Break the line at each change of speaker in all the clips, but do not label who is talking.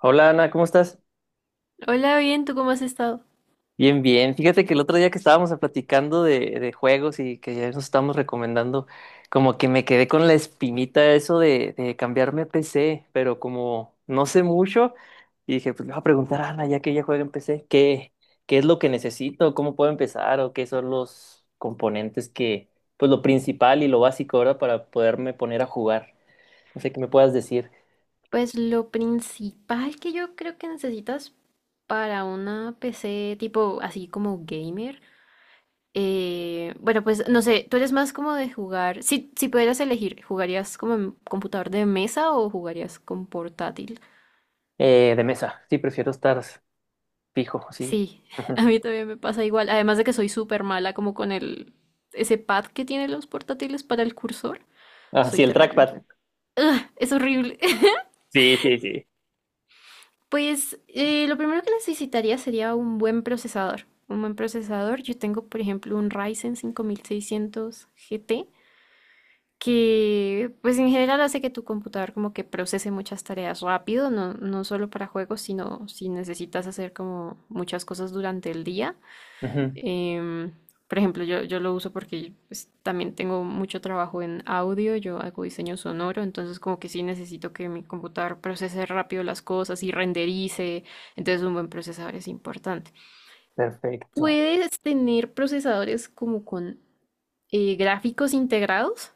Hola Ana, ¿cómo estás?
Hola, bien, ¿tú cómo has estado?
Bien, bien. Fíjate que el otro día que estábamos platicando de juegos y que ya nos estábamos recomendando, como que me quedé con la espinita eso de cambiarme a PC, pero como no sé mucho, y dije, pues le voy a preguntar a Ana, ya que ella juega en PC. ¿ Qué es lo que necesito? ¿Cómo puedo empezar? ¿O qué son los componentes que, pues lo principal y lo básico ahora para poderme poner a jugar? No sé qué me puedas decir.
Pues lo principal que yo creo que necesitas para una PC tipo así como gamer, bueno, pues no sé, tú eres más como de jugar, si pudieras elegir, ¿jugarías como en computador de mesa o jugarías con portátil?
De mesa, sí, prefiero estar fijo, sí.
Sí,
Ajá.
a mí también me pasa igual, además de que soy súper mala como con ese pad que tienen los portátiles para el cursor,
Ah,
soy
sí, el
terrible.
trackpad.
Es horrible.
Sí, sí, sí.
Pues lo primero que necesitaría sería un buen procesador. Un buen procesador. Yo tengo, por ejemplo, un Ryzen 5600 GT que, pues en general hace que tu computador como que procese muchas tareas rápido, no, no solo para juegos, sino si necesitas hacer como muchas cosas durante el día.
Ujú,
Em, por ejemplo, yo lo uso porque, pues, también tengo mucho trabajo en audio, yo hago diseño sonoro, entonces como que sí necesito que mi computador procese rápido las cosas y renderice, entonces un buen procesador es importante.
perfecto.
¿Puedes tener procesadores como con gráficos integrados?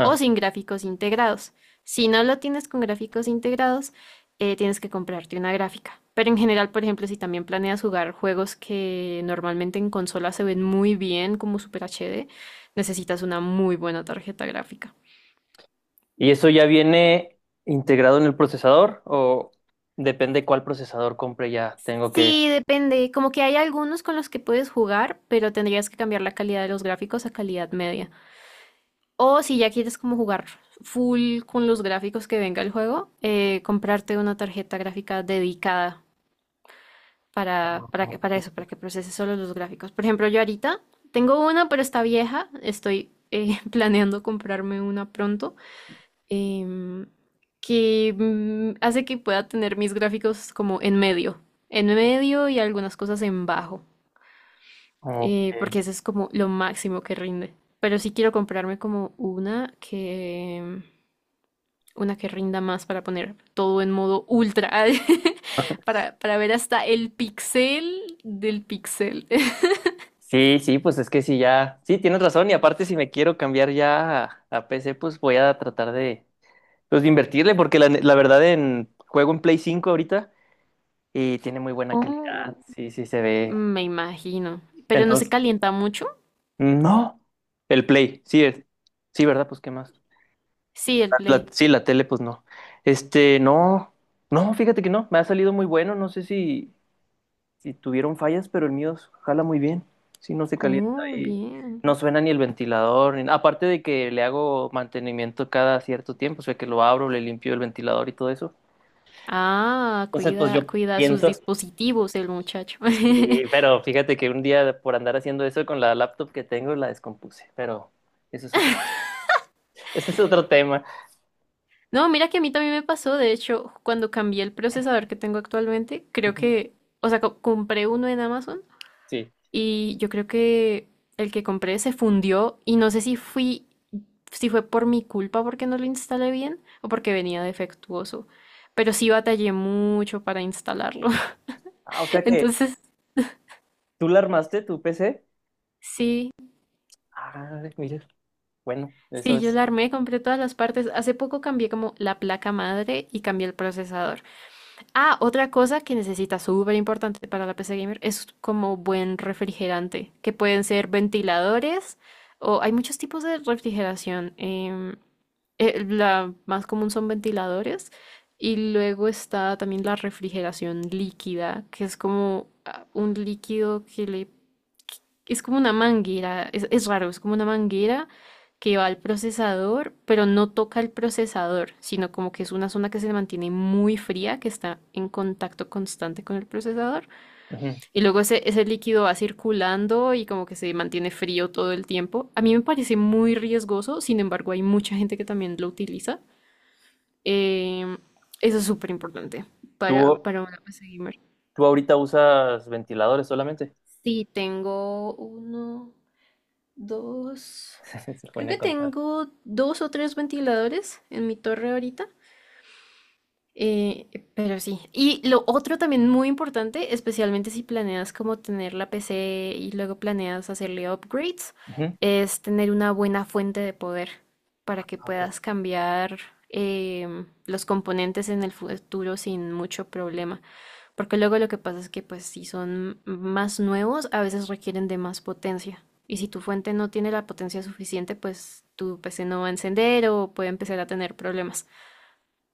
O sin gráficos integrados. Si no lo tienes con gráficos integrados, tienes que comprarte una gráfica. Pero en general, por ejemplo, si también planeas jugar juegos que normalmente en consola se ven muy bien como Super HD, necesitas una muy buena tarjeta gráfica.
¿Y eso ya viene integrado en el procesador o depende cuál procesador compre ya? Tengo que...
Sí, depende. Como que hay algunos con los que puedes jugar, pero tendrías que cambiar la calidad de los gráficos a calidad media. O si ya quieres como jugar full con los gráficos que venga el juego, comprarte una tarjeta gráfica dedicada para
Ok.
eso, para que procese solo los gráficos. Por ejemplo, yo ahorita tengo una, pero está vieja. Estoy planeando comprarme una pronto, em, hace que pueda tener mis gráficos como en medio y algunas cosas en bajo,
Ok.
porque eso es como lo máximo que rinde. Pero sí quiero comprarme como una que... Una que rinda más para poner todo en modo ultra, para ver hasta el pixel del pixel.
Sí, sí, pues es que sí, ya... Sí, tienes razón. Y aparte, si me quiero cambiar ya a PC, pues voy a tratar de, pues, de invertirle porque la, ne- la verdad en juego en Play 5 ahorita y tiene muy buena
Oh,
calidad. Sí, sí, se ve.
me imagino. Pero no se
Entonces...
calienta mucho.
No, el Play, sí es. Sí, ¿verdad? Pues qué más.
Sí, el
La-
Play.
sí, la tele, pues no. Este, no, no, fíjate que no, me ha salido muy bueno, no sé si, si tuvieron fallas, pero el mío jala muy bien, sí, no se calienta
Oh,
y
bien.
no suena ni el ventilador, ni- aparte de que le hago mantenimiento cada cierto tiempo, o sea, que lo abro, le limpio el ventilador y todo eso.
Ah,
Entonces, pues
cuida,
yo
cuida sus
pienso,
dispositivos el muchacho.
y- pero fíjate que un día por andar haciendo eso con la laptop que tengo, la descompuse, pero ese es otro, ese es otro tema.
No, mira que a mí también me pasó. De hecho, cuando cambié el procesador que tengo actualmente, creo
Ujú,
que, o sea, co- compré uno en Amazon
sí.
y yo creo que el que compré se fundió y no sé si fue por mi culpa porque no lo instalé bien o porque venía defectuoso. Pero sí batallé mucho para instalarlo.
Ah, o sea que,
Entonces,
¿tú la armaste, tu PC?
sí,
Ah, mira, bueno, eso
sí, yo
es.
la armé, compré todas las partes. Hace poco cambié como la placa madre y cambié el procesador. Ah, otra cosa que necesita súper importante para la PC gamer es como buen refrigerante, que pueden ser ventiladores o hay muchos tipos de refrigeración. La más común son ventiladores y luego está también la refrigeración líquida, que es como ah, un líquido que le es como una manguera, es raro, es como una manguera que va al procesador, pero no toca el procesador, sino como que es una zona que se mantiene muy fría, que está en contacto constante con el procesador.
Ujú.
Y luego ese líquido va circulando y como que se mantiene frío todo el tiempo. A mí me parece muy riesgoso, sin embargo hay mucha gente que también lo utiliza. Eh, Eso es súper importante
¿Tú,
para una PC gamer.
tú ahorita usas ventiladores solamente?
Sí, tengo uno, dos,
Se
creo
pone a
que
contar.
tengo dos o tres ventiladores en mi torre ahorita. Eh, pero sí. Y lo otro también muy importante, especialmente si planeas como tener la PC y luego planeas hacerle upgrades,
Ujú.
es tener una buena fuente de poder para
Ah,
que
ok.
puedas cambiar los componentes en el futuro sin mucho problema. Porque luego lo que pasa es que, pues, si son más nuevos, a veces requieren de más potencia. Y si tu fuente no tiene la potencia suficiente, pues tu PC no va a encender o puede empezar a tener problemas.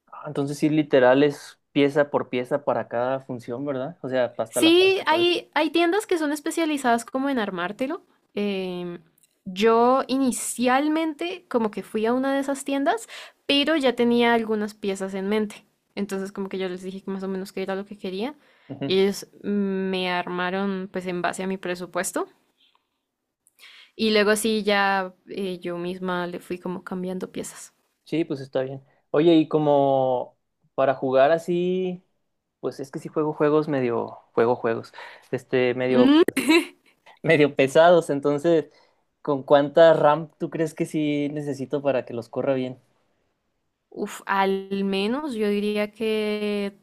Ah, entonces sí, literal es pieza por pieza para cada función, ¿verdad? O sea, hasta la
Sí,
parte. Por-
hay tiendas que son especializadas como en armártelo. Em, yo inicialmente como que fui a una de esas tiendas, pero ya tenía algunas piezas en mente. Entonces como que yo les dije que más o menos qué era lo que quería
Ujú.
y ellos me armaron pues en base a mi presupuesto. Y luego sí, ya yo misma le fui como cambiando piezas.
Sí, pues está bien. Oye, y como para jugar así, pues es que sí juego juegos medio, juego juegos, este, medio,
Mm,
medio pesados, entonces, ¿con cuánta RAM tú crees que sí necesito para que los corra bien?
uf, al menos, yo diría que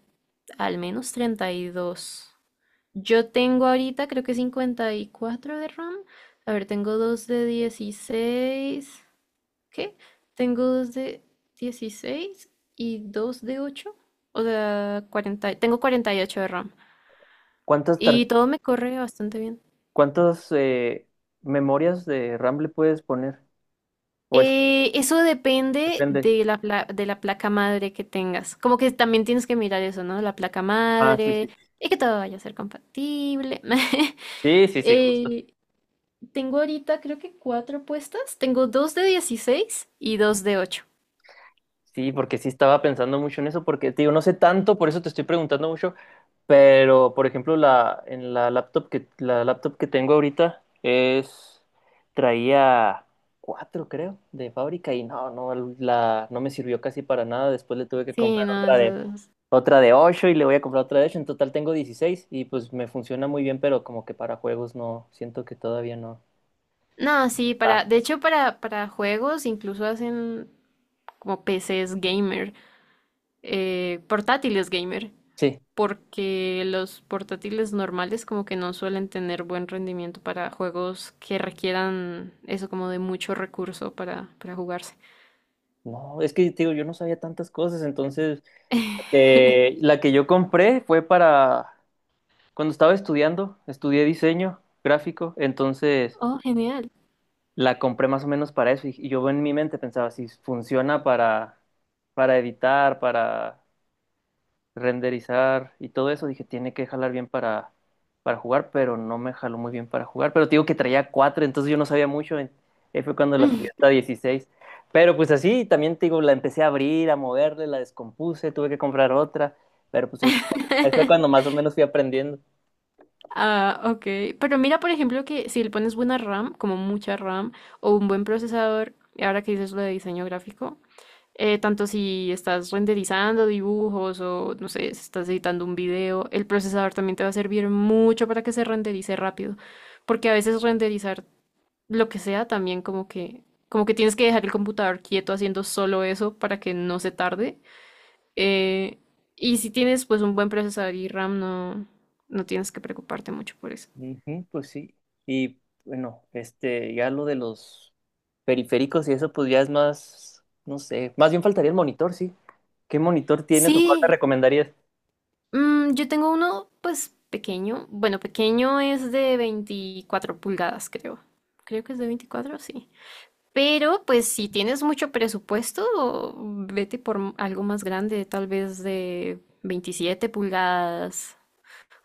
al menos 32. Yo tengo ahorita creo que 54 de RAM. A ver, tengo dos de 16. ¿Qué? Tengo dos de 16 y dos de 8. O sea, 40, tengo 48 de RAM.
¿Cuántas
Y
tar?
todo me corre bastante bien.
¿Cuántas memorias de RAM le puedes poner? O eso
Eso depende
depende.
de de la placa madre que tengas. Como que también tienes que mirar eso, ¿no? La placa
Ah, sí, sí.
madre, y que todo vaya a ser compatible.
Sí, sí, sí, justo.
Eh, Tengo ahorita creo que cuatro puestas. Tengo dos de 16 y dos de ocho.
Sí, porque sí estaba pensando mucho en eso, porque, te digo, no sé tanto, por eso te estoy preguntando mucho, pero, por ejemplo, la, en la laptop que tengo ahorita es, traía cuatro, creo, de fábrica y no, no, la, no me sirvió casi para nada, después le tuve que
Sí,
comprar
no, eso es...
otra de 8 y le voy a comprar otra de ocho. En total tengo 16 y pues me funciona muy bien, pero como que para juegos no, siento que todavía no.
No, sí,
Ah,
para... De hecho, para juegos incluso hacen como PCs gamer, portátiles gamer.
sí.
Porque los portátiles normales como que no suelen tener buen rendimiento para juegos que requieran eso como de mucho recurso para jugarse.
No, es que te digo, yo no sabía tantas cosas, entonces la que yo compré fue para cuando estaba estudiando, estudié diseño gráfico, entonces
Oh, genial.
la compré más o menos para eso y yo en mi mente pensaba si funciona para editar, para renderizar y todo eso, dije, tiene que jalar bien para jugar, pero no me jaló muy bien para jugar. Pero te digo que traía 4 entonces yo no sabía mucho. En- Ahí fue cuando la subí hasta 16. Pero pues así, también te digo, la empecé a abrir, a moverle, la descompuse, tuve que comprar otra. Pero pues ahí fue cuando más o menos fui aprendiendo.
Ah, ok. Pero mira, por ejemplo, que si le pones buena RAM, como mucha RAM, o un buen procesador, y ahora que dices lo de diseño gráfico, tanto si estás renderizando dibujos o, no sé, si estás editando un video, el procesador también te va a servir mucho para que se renderice rápido. Porque a veces renderizar lo que sea, también como que tienes que dejar el computador quieto haciendo solo eso para que no se tarde. Eh, y si tienes pues un buen procesador y RAM, no, no tienes que preocuparte mucho por eso.
Ujú, pues sí. Y bueno, este, ya lo de los periféricos y eso, pues ya es más, no sé, más bien faltaría el monitor, sí. ¿Qué monitor tienes o cuál te
Sí,
recomendarías?
mm, yo tengo uno pues pequeño. Bueno, pequeño es de 24 pulgadas, creo. Creo que es de 24, sí. Pero pues si tienes mucho presupuesto, vete por algo más grande, tal vez de 27 pulgadas,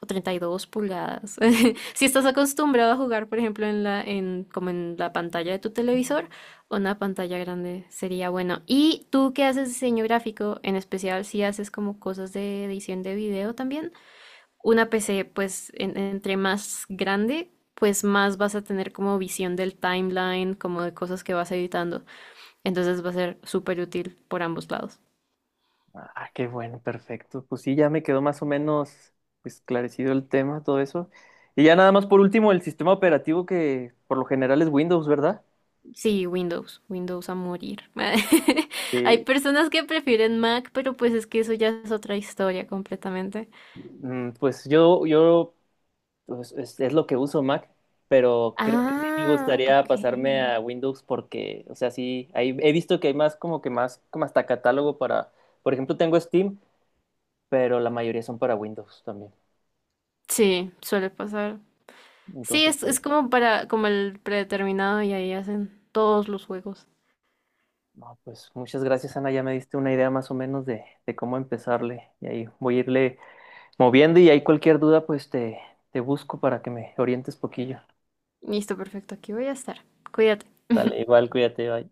o 32 pulgadas. Si estás acostumbrado a jugar, por ejemplo, en como en la pantalla de tu televisor, una pantalla grande sería bueno. ¿Y tú que haces diseño gráfico, en especial si haces como cosas de edición de video también? Una PC, pues, entre más grande, pues más vas a tener como visión del timeline, como de cosas que vas editando. Entonces va a ser súper útil por ambos lados.
Ah, qué bueno, perfecto. Pues sí, ya me quedó más o menos esclarecido el tema, todo eso. Y ya nada más por último, el sistema operativo que por lo general es Windows, ¿verdad?
Sí, Windows, Windows a morir. Hay
Sí.
personas que prefieren Mac, pero pues es que eso ya es otra historia completamente.
Mm, pues yo pues, es lo que uso Mac, pero creo que sí me
Ah,
gustaría pasarme
ok.
a Windows porque, o sea, sí, ahí he visto que hay más como que más, como hasta catálogo para, por ejemplo, tengo Steam, pero la mayoría son para Windows también.
Sí, suele pasar. Sí,
Entonces, por...
es como para, como el predeterminado y ahí hacen todos los juegos.
No, pues muchas gracias, Ana. Ya me diste una idea más o menos de cómo empezarle. Y ahí voy a irle moviendo y ahí cualquier duda, pues te busco para que me orientes poquillo.
Listo, perfecto, aquí voy a estar. Cuídate.
Dale, igual, cuídate, bye.